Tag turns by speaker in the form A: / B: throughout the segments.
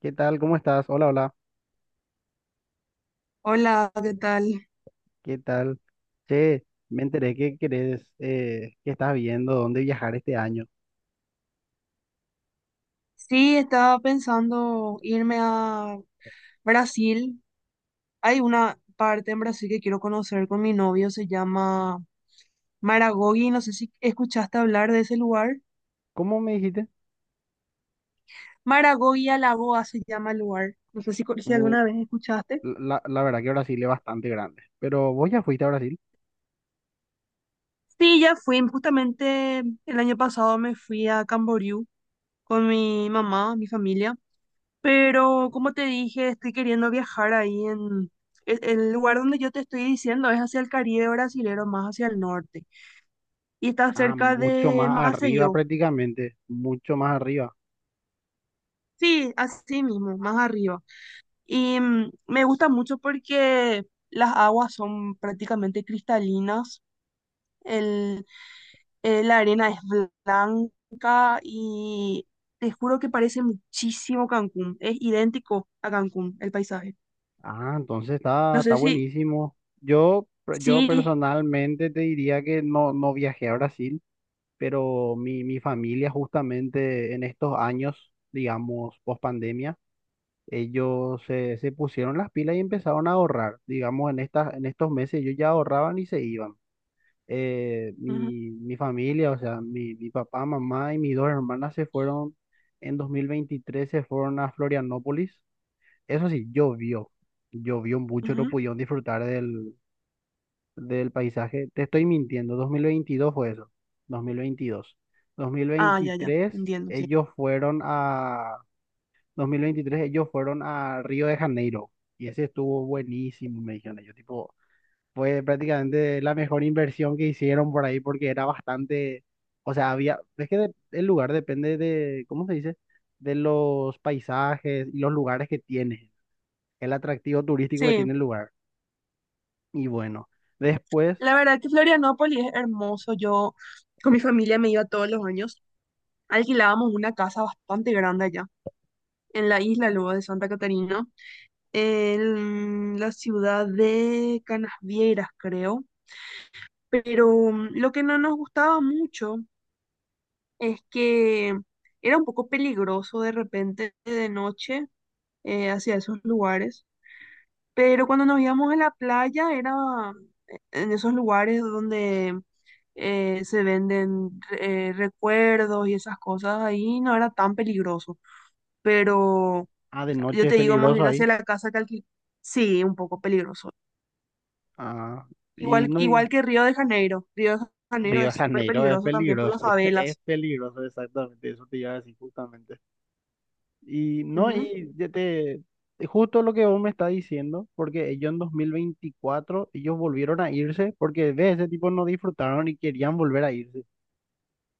A: ¿Qué tal? ¿Cómo estás? Hola, hola.
B: Hola, ¿qué tal?
A: ¿Qué tal? Che, me enteré que querés, que estás viendo dónde viajar este año.
B: Sí, estaba pensando irme a Brasil. Hay una parte en Brasil que quiero conocer con mi novio, se llama Maragogi. No sé si escuchaste hablar de ese lugar.
A: ¿Cómo me dijiste?
B: Maragogi Alagoa se llama el lugar. No sé si, si
A: Uh,
B: alguna vez escuchaste.
A: la verdad que Brasil es bastante grande. Pero vos ya fuiste a Brasil.
B: Sí, ya fui. Justamente el año pasado me fui a Camboriú con mi mamá, mi familia. Pero como te dije, estoy queriendo viajar ahí en... El lugar donde yo te estoy diciendo es hacia el Caribe brasilero, más hacia el norte. Y está
A: Ah,
B: cerca
A: mucho
B: de
A: más arriba
B: Maceió.
A: prácticamente. Mucho más arriba.
B: Sí, así mismo, más arriba. Y me gusta mucho porque las aguas son prácticamente cristalinas. El, la arena es blanca y te juro que parece muchísimo Cancún. Es idéntico a Cancún, el paisaje.
A: Ah, entonces está,
B: No
A: está
B: sé si...
A: buenísimo. Yo
B: Sí.
A: personalmente te diría que no viajé a Brasil, pero mi familia justamente en estos años, digamos, post pandemia. Ellos se pusieron las pilas y empezaron a ahorrar. Digamos, en en estos meses ellos ya ahorraban y se iban. Mi familia, o sea, mi papá, mamá y mis dos hermanas se fueron en 2023, se fueron a Florianópolis. Eso sí, llovió mucho, no
B: Ujú.
A: pudieron disfrutar del paisaje. Te estoy mintiendo, 2022 fue eso, 2022.
B: Ah, ya, ya,
A: 2023
B: entiendo, sí.
A: ellos fueron a 2023 ellos fueron a Río de Janeiro y ese estuvo buenísimo, me dijeron ellos. Tipo, fue prácticamente la mejor inversión que hicieron por ahí porque era bastante, o sea, había, el lugar depende de, ¿cómo se dice? De los paisajes y los lugares que tiene, el atractivo turístico que
B: Sí,
A: tiene el lugar. Y bueno, después,
B: la verdad que Florianópolis es hermoso. Yo con mi familia me iba todos los años. Alquilábamos una casa bastante grande allá, en la isla luego de Santa Catarina, en la ciudad de Canasvieiras, creo. Pero lo que no nos gustaba mucho es que era un poco peligroso de repente de noche, hacia esos lugares. Pero cuando nos íbamos a la playa era en esos lugares donde se venden recuerdos y esas cosas, ahí no era tan peligroso. Pero
A: ah, de
B: yo
A: noche es
B: te digo más
A: peligroso
B: bien
A: ahí.
B: hacia la casa que sí, un poco peligroso.
A: Ah, y
B: Igual,
A: no, y
B: igual que Río de Janeiro. Río de Janeiro
A: Río de
B: es súper
A: Janeiro es
B: peligroso también por las
A: peligroso, es
B: favelas.
A: peligroso exactamente, eso te iba a decir justamente. Y no,
B: Ujú,
A: y ya te, justo lo que vos me estás diciendo, porque ellos en 2024 ellos volvieron a irse, porque ve, ese tipo no disfrutaron y querían volver a irse.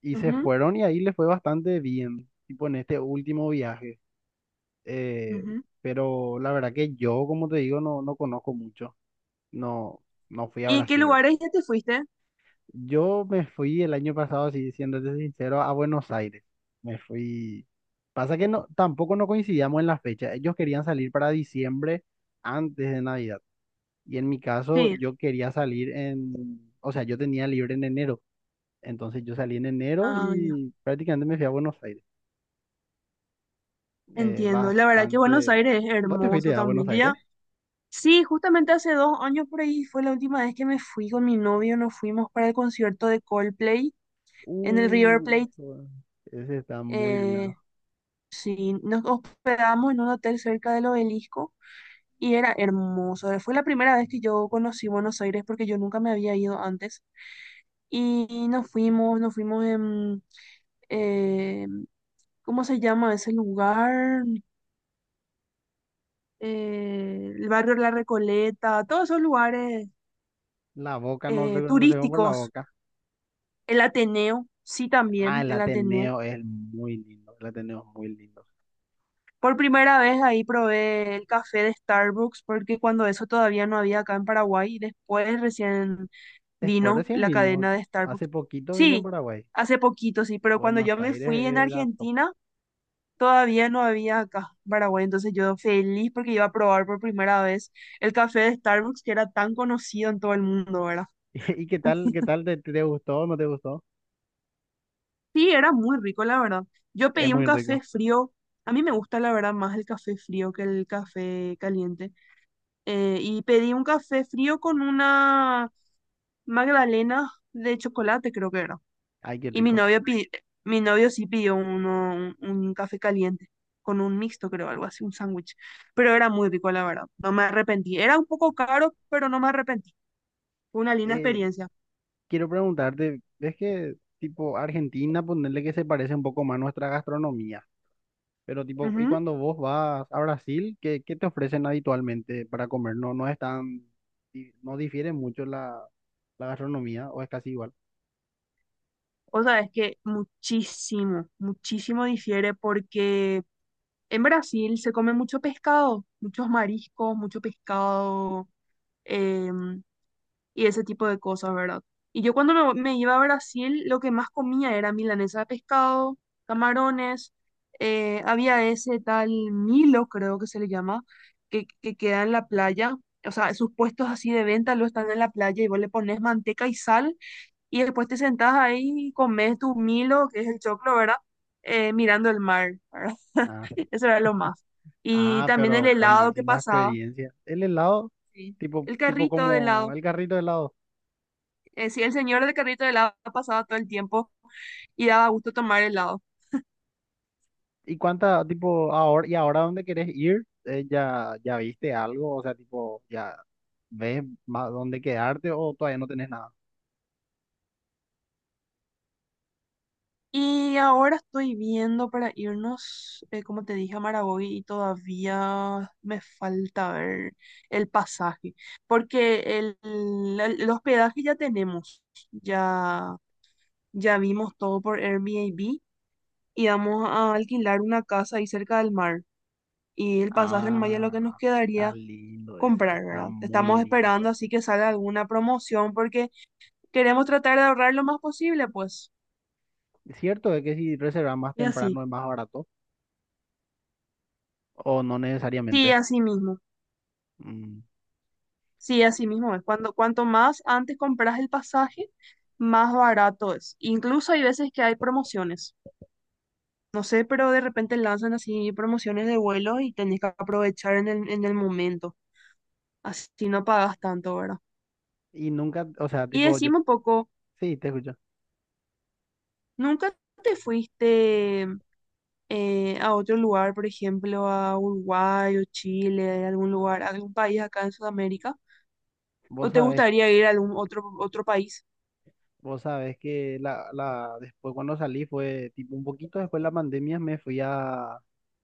A: Y se
B: ujú,
A: fueron y ahí les fue bastante bien, tipo en este último viaje. Eh,
B: ujú.
A: pero la verdad que yo, como te digo, no conozco mucho. No, no fui a
B: ¿Y en qué
A: Brasil, ¿verdad?
B: lugares ya te fuiste?
A: Yo me fui el año pasado, si siéndote sincero, a Buenos Aires. Me fui. Pasa que no, tampoco no coincidíamos en la fecha. Ellos querían salir para diciembre antes de Navidad. Y en mi caso,
B: Sí.
A: yo quería salir en, o sea, yo tenía libre en enero. Entonces yo salí en enero
B: Ah, ya.
A: y prácticamente me fui a Buenos Aires.
B: Entiendo. La verdad que Buenos
A: Bastante.
B: Aires es
A: ¿Vos te
B: hermoso
A: fuiste a Buenos
B: también. Yo ya
A: Aires?
B: sí, justamente hace 2 años por ahí fue la última vez que me fui con mi novio, nos fuimos para el concierto de Coldplay en el River
A: Uy,
B: Plate.
A: hijo, ese está muy lindo.
B: Eh, sí, nos hospedamos en un hotel cerca del Obelisco y era hermoso. Fue la primera vez que yo conocí Buenos Aires porque yo nunca me había ido antes. Y nos fuimos en, eh, ¿cómo se llama ese lugar? El barrio La Recoleta, todos esos lugares
A: La boca no, re- no se ve por la
B: turísticos.
A: boca.
B: El Ateneo, sí
A: Ah,
B: también, el Ateneo.
A: El Ateneo es muy lindo.
B: Por primera vez ahí probé el café de Starbucks, porque cuando eso todavía no había acá en Paraguay, y después recién
A: Después
B: vino
A: recién
B: la
A: vino,
B: cadena de
A: hace
B: Starbucks.
A: poquito vino en
B: Sí,
A: Paraguay.
B: hace poquito, sí, pero cuando
A: Buenos
B: yo me
A: Aires
B: fui en
A: era top.
B: Argentina, todavía no había acá en Paraguay, entonces yo feliz porque iba a probar por primera vez el café de Starbucks, que era tan conocido en todo el mundo, ¿verdad?
A: ¿Y qué tal, te gustó o no te gustó?
B: Sí, era muy rico, la verdad. Yo
A: Es
B: pedí un
A: muy
B: café
A: rico.
B: frío. A mí me gusta, la verdad, más el café frío que el café caliente. Y pedí un café frío con una magdalena de chocolate, creo que era.
A: Ay, qué
B: Y mi
A: rico.
B: novio, pi- mi novio sí pidió uno, un café caliente, con un mixto, creo, algo así, un sándwich. Pero era muy rico, la verdad. No me arrepentí. Era un poco caro, pero no me arrepentí. Fue una linda
A: Eh,
B: experiencia.
A: quiero preguntarte, ¿ves que tipo Argentina, ponerle que se parece un poco más a nuestra gastronomía? Pero tipo, ¿y
B: Ujú.
A: cuando vos vas a Brasil, qué te ofrecen habitualmente para comer? No, no es tan, no difiere mucho la gastronomía o es casi igual.
B: O sea, es que muchísimo, muchísimo difiere porque... En Brasil se come mucho pescado, muchos mariscos, mucho pescado, em, y ese tipo de cosas, ¿verdad? Y yo cuando me iba a Brasil, lo que más comía era milanesa de pescado, camarones, había ese tal Milo, creo que se le llama, que queda en la playa. O sea, sus puestos así de venta lo están en la playa y vos le pones manteca y sal y después te sentás ahí y comes tu Milo, que es el choclo, ¿verdad? Mirando el mar, ¿verdad? Eso era lo más. Y
A: Ah,
B: también el
A: pero
B: helado que
A: buenísima
B: pasaba.
A: experiencia. El helado,
B: Sí. El
A: tipo
B: carrito de
A: como
B: helado.
A: el carrito de helado.
B: Sí, el señor del carrito de helado pasaba todo el tiempo y daba gusto tomar helado.
A: ¿Y cuánta, tipo, ahora dónde querés ir? Ya viste algo? O sea, tipo, ¿ya ves más dónde quedarte o todavía no tenés nada?
B: Y ahora estoy viendo para irnos, como te dije, a Maragogi y todavía me falta ver el pasaje, porque el hospedaje ya tenemos, ya, ya vimos todo por Airbnb y vamos a alquilar una casa ahí cerca del mar. Y el pasaje en Maya lo que nos
A: Ah,
B: quedaría comprar,
A: está
B: ¿verdad?
A: muy
B: Estamos esperando
A: lindo.
B: así que salga alguna promoción porque queremos tratar de ahorrar lo más posible, pues.
A: Es cierto es que si reservas más
B: Y así,
A: temprano es más barato, o no
B: sí,
A: necesariamente.
B: así mismo,
A: Mm.
B: sí, así mismo es. Cuando, cuanto más antes compras el pasaje, más barato es. Incluso hay veces que hay promociones. No sé, pero de repente lanzan así promociones de vuelo y tenés que aprovechar en el momento. Así no pagas tanto, ¿verdad?
A: Y nunca, o sea,
B: Y decime un poco,
A: sí, te escucho.
B: ¿nunca te fuiste a otro lugar, por ejemplo, a Uruguay o Chile, algún lugar, algún país acá en Sudamérica?
A: Vos
B: ¿O te
A: sabés
B: gustaría ir a algún otro, otro país?
A: Vos sabés que después cuando salí fue tipo un poquito después de la pandemia me fui a...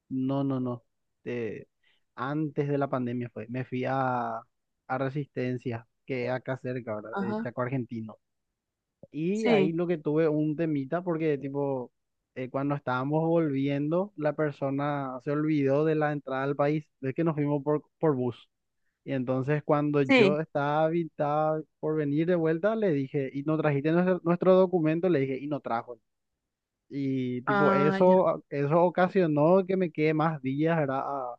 A: No. eh, Antes de la pandemia fue. Me fui a Resistencia, que es acá cerca, ¿verdad?
B: Ajá,
A: Chaco Argentino. Y ahí
B: sí,
A: lo que tuve un temita porque tipo cuando estábamos volviendo la persona se olvidó de la entrada al país. Es que nos fuimos por bus. Y entonces cuando
B: sí,
A: yo estaba, estaba por venir de vuelta, le dije, y no trajiste nuestro documento, le dije, y no trajo. Y tipo,
B: ah, ya,
A: eso, ah, eso ocasionó que me quede más días, ¿verdad?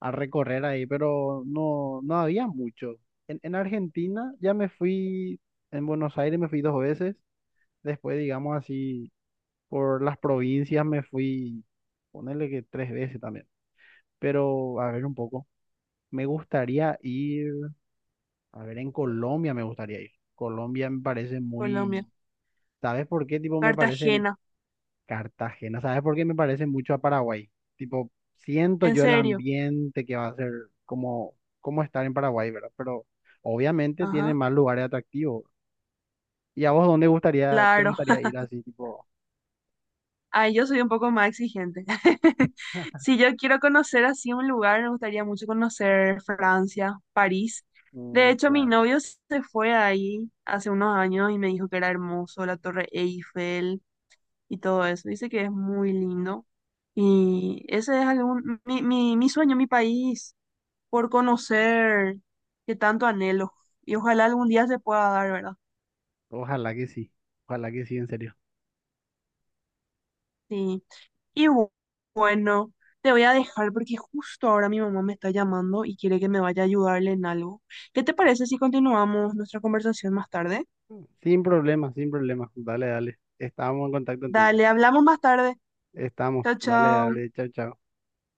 A: A recorrer ahí, pero no había mucho. En Argentina ya me fui, en Buenos Aires me fui dos veces, después digamos así, por las provincias me fui, ponerle que tres veces también, pero a ver un poco. Me gustaría ir. A ver, en Colombia me gustaría ir. Colombia me parece
B: Colombia,
A: muy... ¿Sabes por qué? Tipo, me parece
B: Cartagena,
A: Cartagena. ¿Sabes por qué me parece mucho a Paraguay? Tipo, siento
B: en
A: yo el
B: serio,
A: ambiente que va a ser como, como estar en Paraguay, ¿verdad? Pero obviamente tiene
B: ajá,
A: más lugares atractivos. ¿Y a vos dónde gustaría, te
B: claro.
A: gustaría ir así, tipo,
B: Ay, yo soy un poco más exigente. Si yo quiero conocer así un lugar, me gustaría mucho conocer Francia, París. De
A: mm,
B: hecho, mi
A: Fran?
B: novio se fue ahí hace unos años y me dijo que era hermoso, la Torre Eiffel, y todo eso. Dice que es muy lindo. Y ese es algún, mi sueño, mi país, por conocer, que tanto anhelo. Y ojalá algún día se pueda dar, ¿verdad?
A: Ojalá que sí. Ojalá que sí, en serio.
B: Sí. Y bueno, te voy a dejar porque justo ahora mi mamá me está llamando y quiere que me vaya a ayudarle en algo. ¿Qué te parece si continuamos nuestra conversación más tarde?
A: Sin problema, sin problema. Dale, dale. Estamos en contacto entonces.
B: Dale, hablamos más tarde.
A: Estamos.
B: Chao,
A: Dale,
B: chao.
A: dale. Chao, chao.